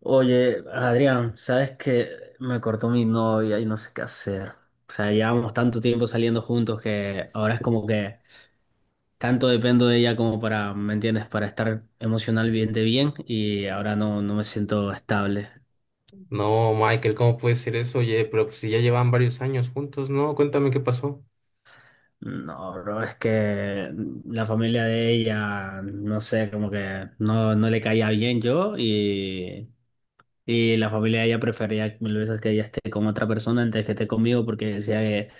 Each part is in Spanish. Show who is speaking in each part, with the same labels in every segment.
Speaker 1: Oye, Adrián, sabes que me cortó mi novia y no sé qué hacer. O sea, llevamos tanto tiempo saliendo juntos que ahora es como que tanto dependo de ella como para, ¿me entiendes? Para estar emocionalmente bien y ahora no, no me siento estable.
Speaker 2: No, Michael, ¿cómo puede ser eso? Oye, pero pues si ya llevan varios años juntos, ¿no? Cuéntame qué pasó.
Speaker 1: No, bro, es que la familia de ella, no sé, como que no, no le caía bien yo y la familia de ella prefería mil veces que ella esté con otra persona antes que esté conmigo porque decía que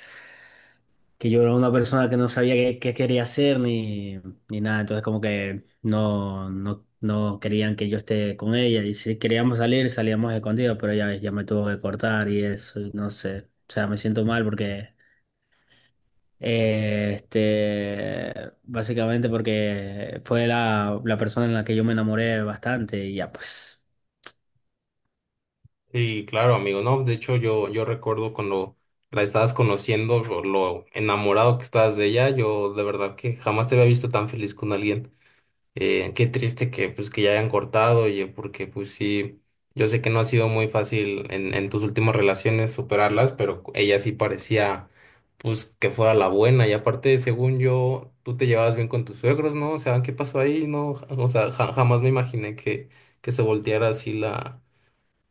Speaker 1: yo era una persona que no sabía qué, qué quería hacer ni, ni nada, entonces como que no, no, no querían que yo esté con ella, y si queríamos salir salíamos escondidos, pero ya, ves, ya me tuvo que cortar y eso, y no sé, o sea, me siento mal porque, eh, este, básicamente porque fue la persona en la que yo me enamoré bastante y ya pues,
Speaker 2: Sí, claro, amigo. No, de hecho, yo recuerdo cuando la estabas conociendo, lo enamorado que estabas de ella, yo de verdad que jamás te había visto tan feliz con alguien. Qué triste que pues que ya hayan cortado, oye, porque pues sí, yo sé que no ha sido muy fácil en tus últimas relaciones superarlas, pero ella sí parecía pues que fuera la buena. Y aparte, según yo, tú te llevabas bien con tus suegros, ¿no? O sea, ¿qué pasó ahí? No, o sea, jamás me imaginé que se volteara así la,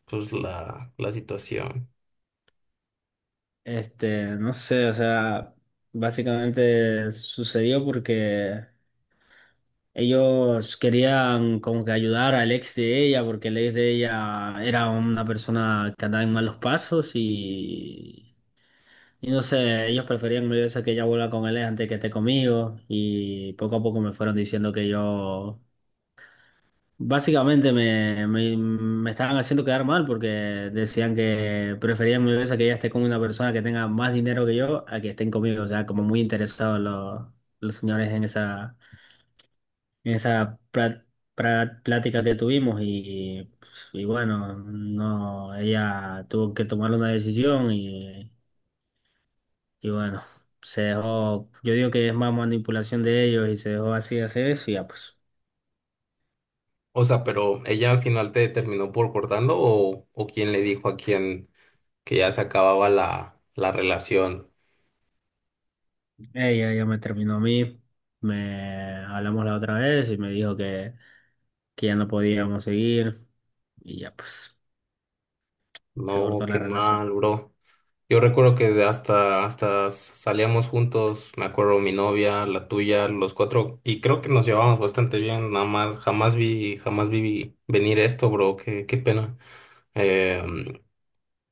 Speaker 2: pues la, la situación.
Speaker 1: este, no sé, o sea, básicamente sucedió porque... Ellos querían como que ayudar al ex de ella, porque el ex de ella era una persona que andaba en malos pasos y no sé, ellos preferían mil veces que ella vuelva con él antes que esté conmigo, y poco a poco me fueron diciendo que yo... Básicamente me, me, me estaban haciendo quedar mal porque decían que preferían mil veces que ella esté con una persona que tenga más dinero que yo a que estén conmigo. O sea, como muy interesados los señores en esa plática que tuvimos. Y bueno, no, ella tuvo que tomar una decisión y bueno, se dejó. Yo digo que es más manipulación de ellos y se dejó así hacer eso y ya pues.
Speaker 2: O sea, pero ella al final te terminó por cortando o quién le dijo a quién que ya se acababa la relación.
Speaker 1: Ella ya me terminó a mí, me hablamos la otra vez y me dijo que ya no podíamos seguir, y ya pues se
Speaker 2: No,
Speaker 1: cortó
Speaker 2: qué
Speaker 1: la relación.
Speaker 2: mal, bro. Yo recuerdo que hasta salíamos juntos, me acuerdo mi novia, la tuya, los cuatro, y creo que nos llevábamos bastante bien, nada más, jamás vi venir esto, bro, qué pena. Eh,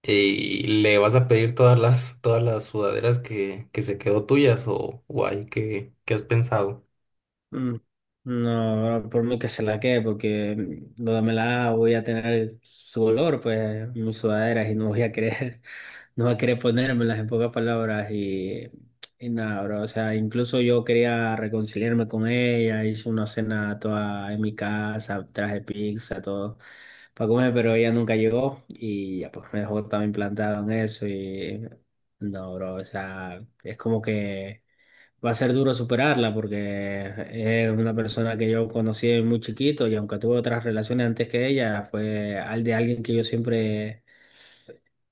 Speaker 2: y le vas a pedir todas las sudaderas que se quedó tuyas, o ahí, ¿qué has pensado?
Speaker 1: Mm, no, no, por mí que se la quede, porque no me la haga, voy a tener su olor, pues, en mis sudaderas y no voy a querer, no voy a querer ponérmelas, en pocas palabras, y nada, bro. O sea, incluso yo quería reconciliarme con ella, hice una cena toda en mi casa, traje pizza, todo para comer, pero ella nunca llegó y ya pues me dejó también plantado en eso, y no, bro, o sea, es como que va a ser duro superarla porque es una persona que yo conocí muy chiquito y aunque tuve otras relaciones antes que ella, fue al de alguien que yo siempre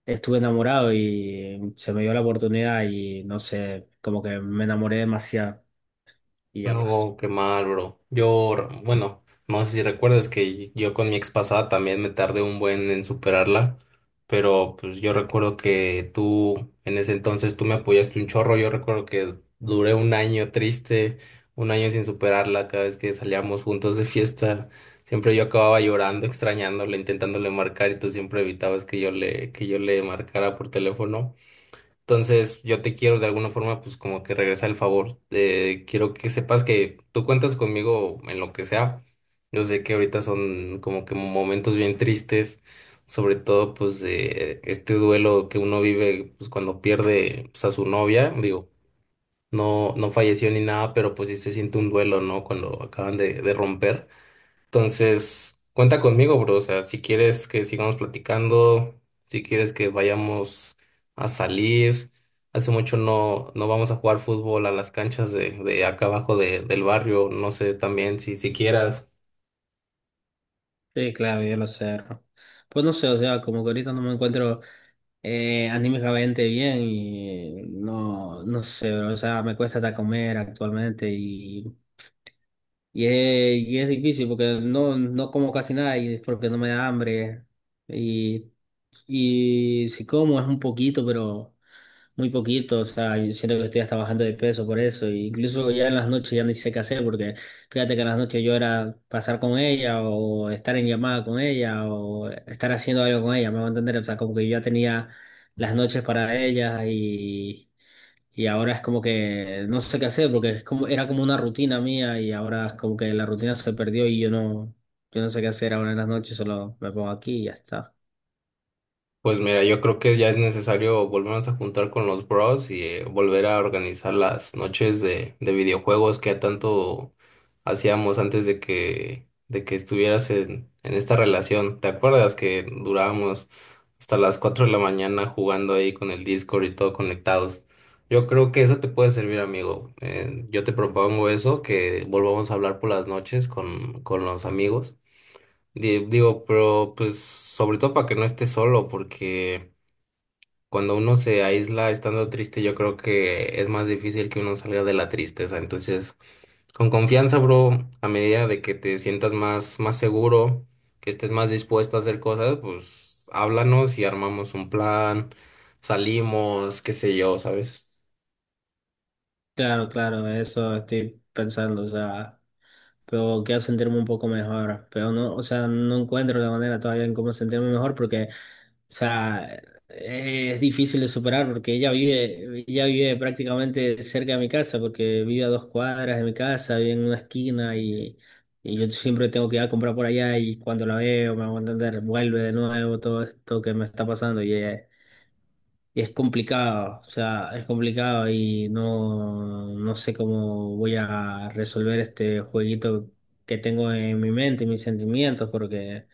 Speaker 1: estuve enamorado y se me dio la oportunidad y no sé, como que me enamoré demasiado y ya pues.
Speaker 2: No, qué mal, bro. Bueno, no sé si recuerdas que yo con mi ex pasada también me tardé un buen en superarla, pero pues yo recuerdo que tú, en ese entonces tú me apoyaste un chorro, yo recuerdo que duré un año triste, un año sin superarla, cada vez que salíamos juntos de fiesta, siempre yo acababa llorando, extrañándola, intentándole marcar y tú siempre evitabas que yo le marcara por teléfono. Entonces, yo te quiero de alguna forma, pues como que regresar el favor. Quiero que sepas que tú cuentas conmigo en lo que sea. Yo sé que ahorita son como que momentos bien tristes, sobre todo pues de este duelo que uno vive pues cuando pierde pues, a su novia. Digo, no, no falleció ni nada, pero pues sí se siente un duelo, ¿no? Cuando acaban de romper. Entonces, cuenta conmigo, bro. O sea, si quieres que sigamos platicando, si quieres que vayamos a salir. Hace mucho no vamos a jugar fútbol a las canchas de acá abajo del barrio. No sé también si quieras.
Speaker 1: Sí, claro, yo lo cerro. Pues no sé, o sea, como que ahorita no me encuentro anímicamente bien y no, no sé, o sea, me cuesta hasta comer actualmente y, y, es, y es difícil porque no, no como casi nada y es porque no me da hambre y, y si como es un poquito, pero muy poquito, o sea, yo siento que estoy hasta bajando de peso por eso, e incluso ya en las noches ya ni sé qué hacer porque... Fíjate que en las noches yo era pasar con ella o estar en llamada con ella o estar haciendo algo con ella, me va a entender. O sea, como que yo ya tenía las noches para ella y ahora es como que no sé qué hacer porque es como, era como una rutina mía y ahora es como que la rutina se perdió y yo no, yo no sé qué hacer ahora en las noches, solo me pongo aquí y ya está.
Speaker 2: Pues mira, yo creo que ya es necesario volvernos a juntar con los bros y volver a organizar las noches de videojuegos que tanto hacíamos antes de que estuvieras en esta relación. ¿Te acuerdas que durábamos hasta las 4 de la mañana jugando ahí con el Discord y todo conectados? Yo creo que eso te puede servir, amigo. Yo te propongo eso, que volvamos a hablar por las noches con los amigos. Digo, pero pues sobre todo para que no esté solo, porque cuando uno se aísla estando triste, yo creo que es más difícil que uno salga de la tristeza. Entonces, con confianza, bro, a medida de que te sientas más seguro, que estés más dispuesto a hacer cosas, pues háblanos y armamos un plan, salimos, qué sé yo, ¿sabes?
Speaker 1: Claro, claro, eso estoy pensando, o sea, pero quiero sentirme un poco mejor, pero no, o sea, no encuentro la manera todavía en cómo sentirme mejor porque, o sea, es difícil de superar porque ella vive prácticamente cerca de mi casa, porque vive a dos cuadras de mi casa, vive en una esquina y yo siempre tengo que ir a comprar por allá y cuando la veo, me hago entender, vuelve de nuevo todo esto que me está pasando y ella... y es complicado, o sea, es complicado y no, no sé cómo voy a resolver este jueguito que tengo en mi mente y mis sentimientos, porque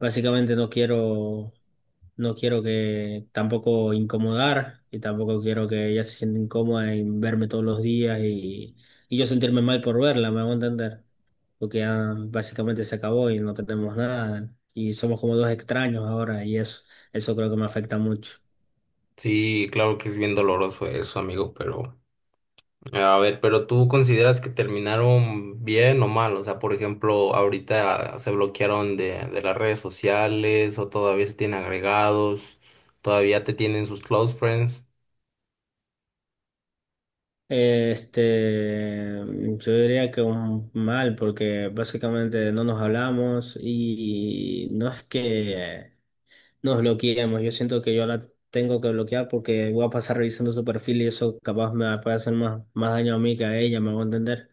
Speaker 1: básicamente no quiero, no quiero que tampoco incomodar y tampoco quiero que ella se sienta incómoda en verme todos los días y yo sentirme mal por verla, me hago entender, porque ya básicamente se acabó y no tenemos nada y somos como dos extraños ahora, y eso creo que me afecta mucho.
Speaker 2: Sí, claro que es bien doloroso eso, amigo, pero. A ver, pero tú consideras que terminaron bien o mal, o sea, por ejemplo, ahorita se bloquearon de las redes sociales o todavía se tienen agregados, todavía te tienen sus close friends.
Speaker 1: Este, yo diría que un mal, porque básicamente no nos hablamos y no es que nos bloqueemos. Yo siento que yo la tengo que bloquear porque voy a pasar revisando su perfil y eso capaz me puede hacer más, más daño a mí que a ella, me voy a entender.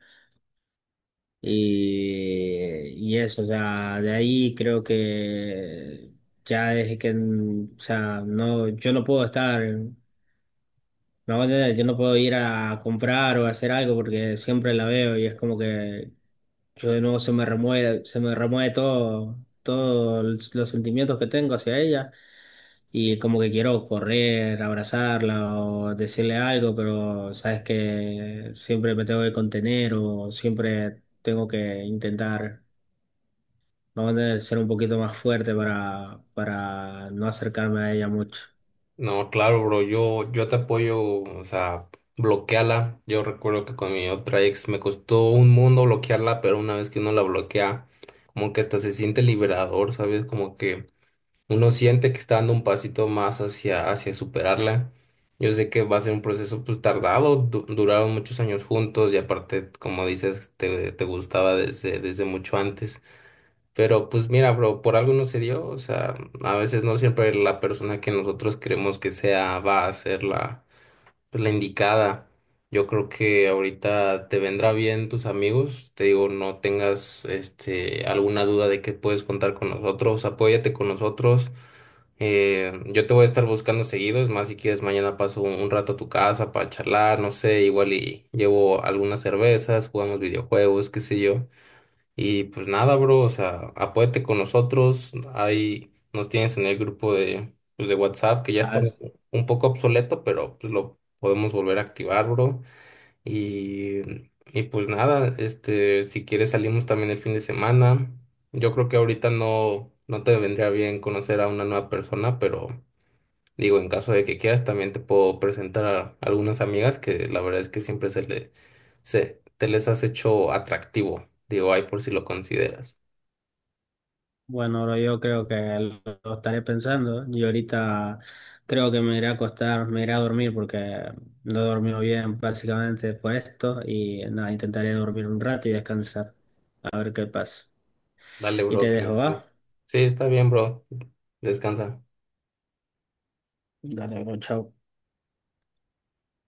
Speaker 1: Y eso, o sea, de ahí creo que ya es que, mm, o sea, no, yo no puedo estar. No, yo no puedo ir a comprar o a hacer algo porque siempre la veo y es como que yo de nuevo se me remueve todo, todos los sentimientos que tengo hacia ella y como que quiero correr, abrazarla o decirle algo, pero sabes que siempre me tengo que contener o siempre tengo que intentar, vamos a tener que ser un poquito más fuerte para no acercarme a ella mucho.
Speaker 2: No, claro, bro, yo te apoyo, o sea, bloqueala. Yo recuerdo que con mi otra ex me costó un mundo bloquearla, pero una vez que uno la bloquea, como que hasta se siente liberador, ¿sabes? Como que uno siente que está dando un pasito más hacia superarla. Yo sé que va a ser un proceso pues tardado, duraron muchos años juntos y aparte, como dices, te gustaba desde mucho antes. Pero pues mira, bro, por algo no se dio, o sea, a veces no siempre la persona que nosotros queremos que sea va a ser la pues la indicada. Yo creo que ahorita te vendrá bien tus amigos. Te digo, no tengas alguna duda de que puedes contar con nosotros. Apóyate con nosotros. Yo te voy a estar buscando seguido. Es más, si quieres, mañana paso un rato a tu casa para charlar, no sé, igual y llevo algunas cervezas, jugamos videojuegos, qué sé yo. Y pues nada, bro, o sea, apóyate con nosotros. Ahí nos tienes en el grupo de WhatsApp, que ya está un poco obsoleto, pero pues lo podemos volver a activar, bro. Y, y pues nada, si quieres salimos también el fin de semana. Yo creo que ahorita no te vendría bien conocer a una nueva persona, pero. Digo, en caso de que quieras, también te puedo presentar a algunas amigas que la verdad es que siempre te les has hecho atractivo. Digo, ahí por si lo consideras.
Speaker 1: Bueno, bro, yo creo que lo estaré pensando. Yo ahorita creo que me iré a acostar, me iré a dormir porque no he dormido bien básicamente por esto y nada, intentaré dormir un rato y descansar, a ver qué pasa.
Speaker 2: Dale,
Speaker 1: Y te
Speaker 2: bro, que
Speaker 1: dejo,
Speaker 2: descanses.
Speaker 1: ¿va?
Speaker 2: Sí, está bien, bro. Descansa.
Speaker 1: Dale, bro, chao.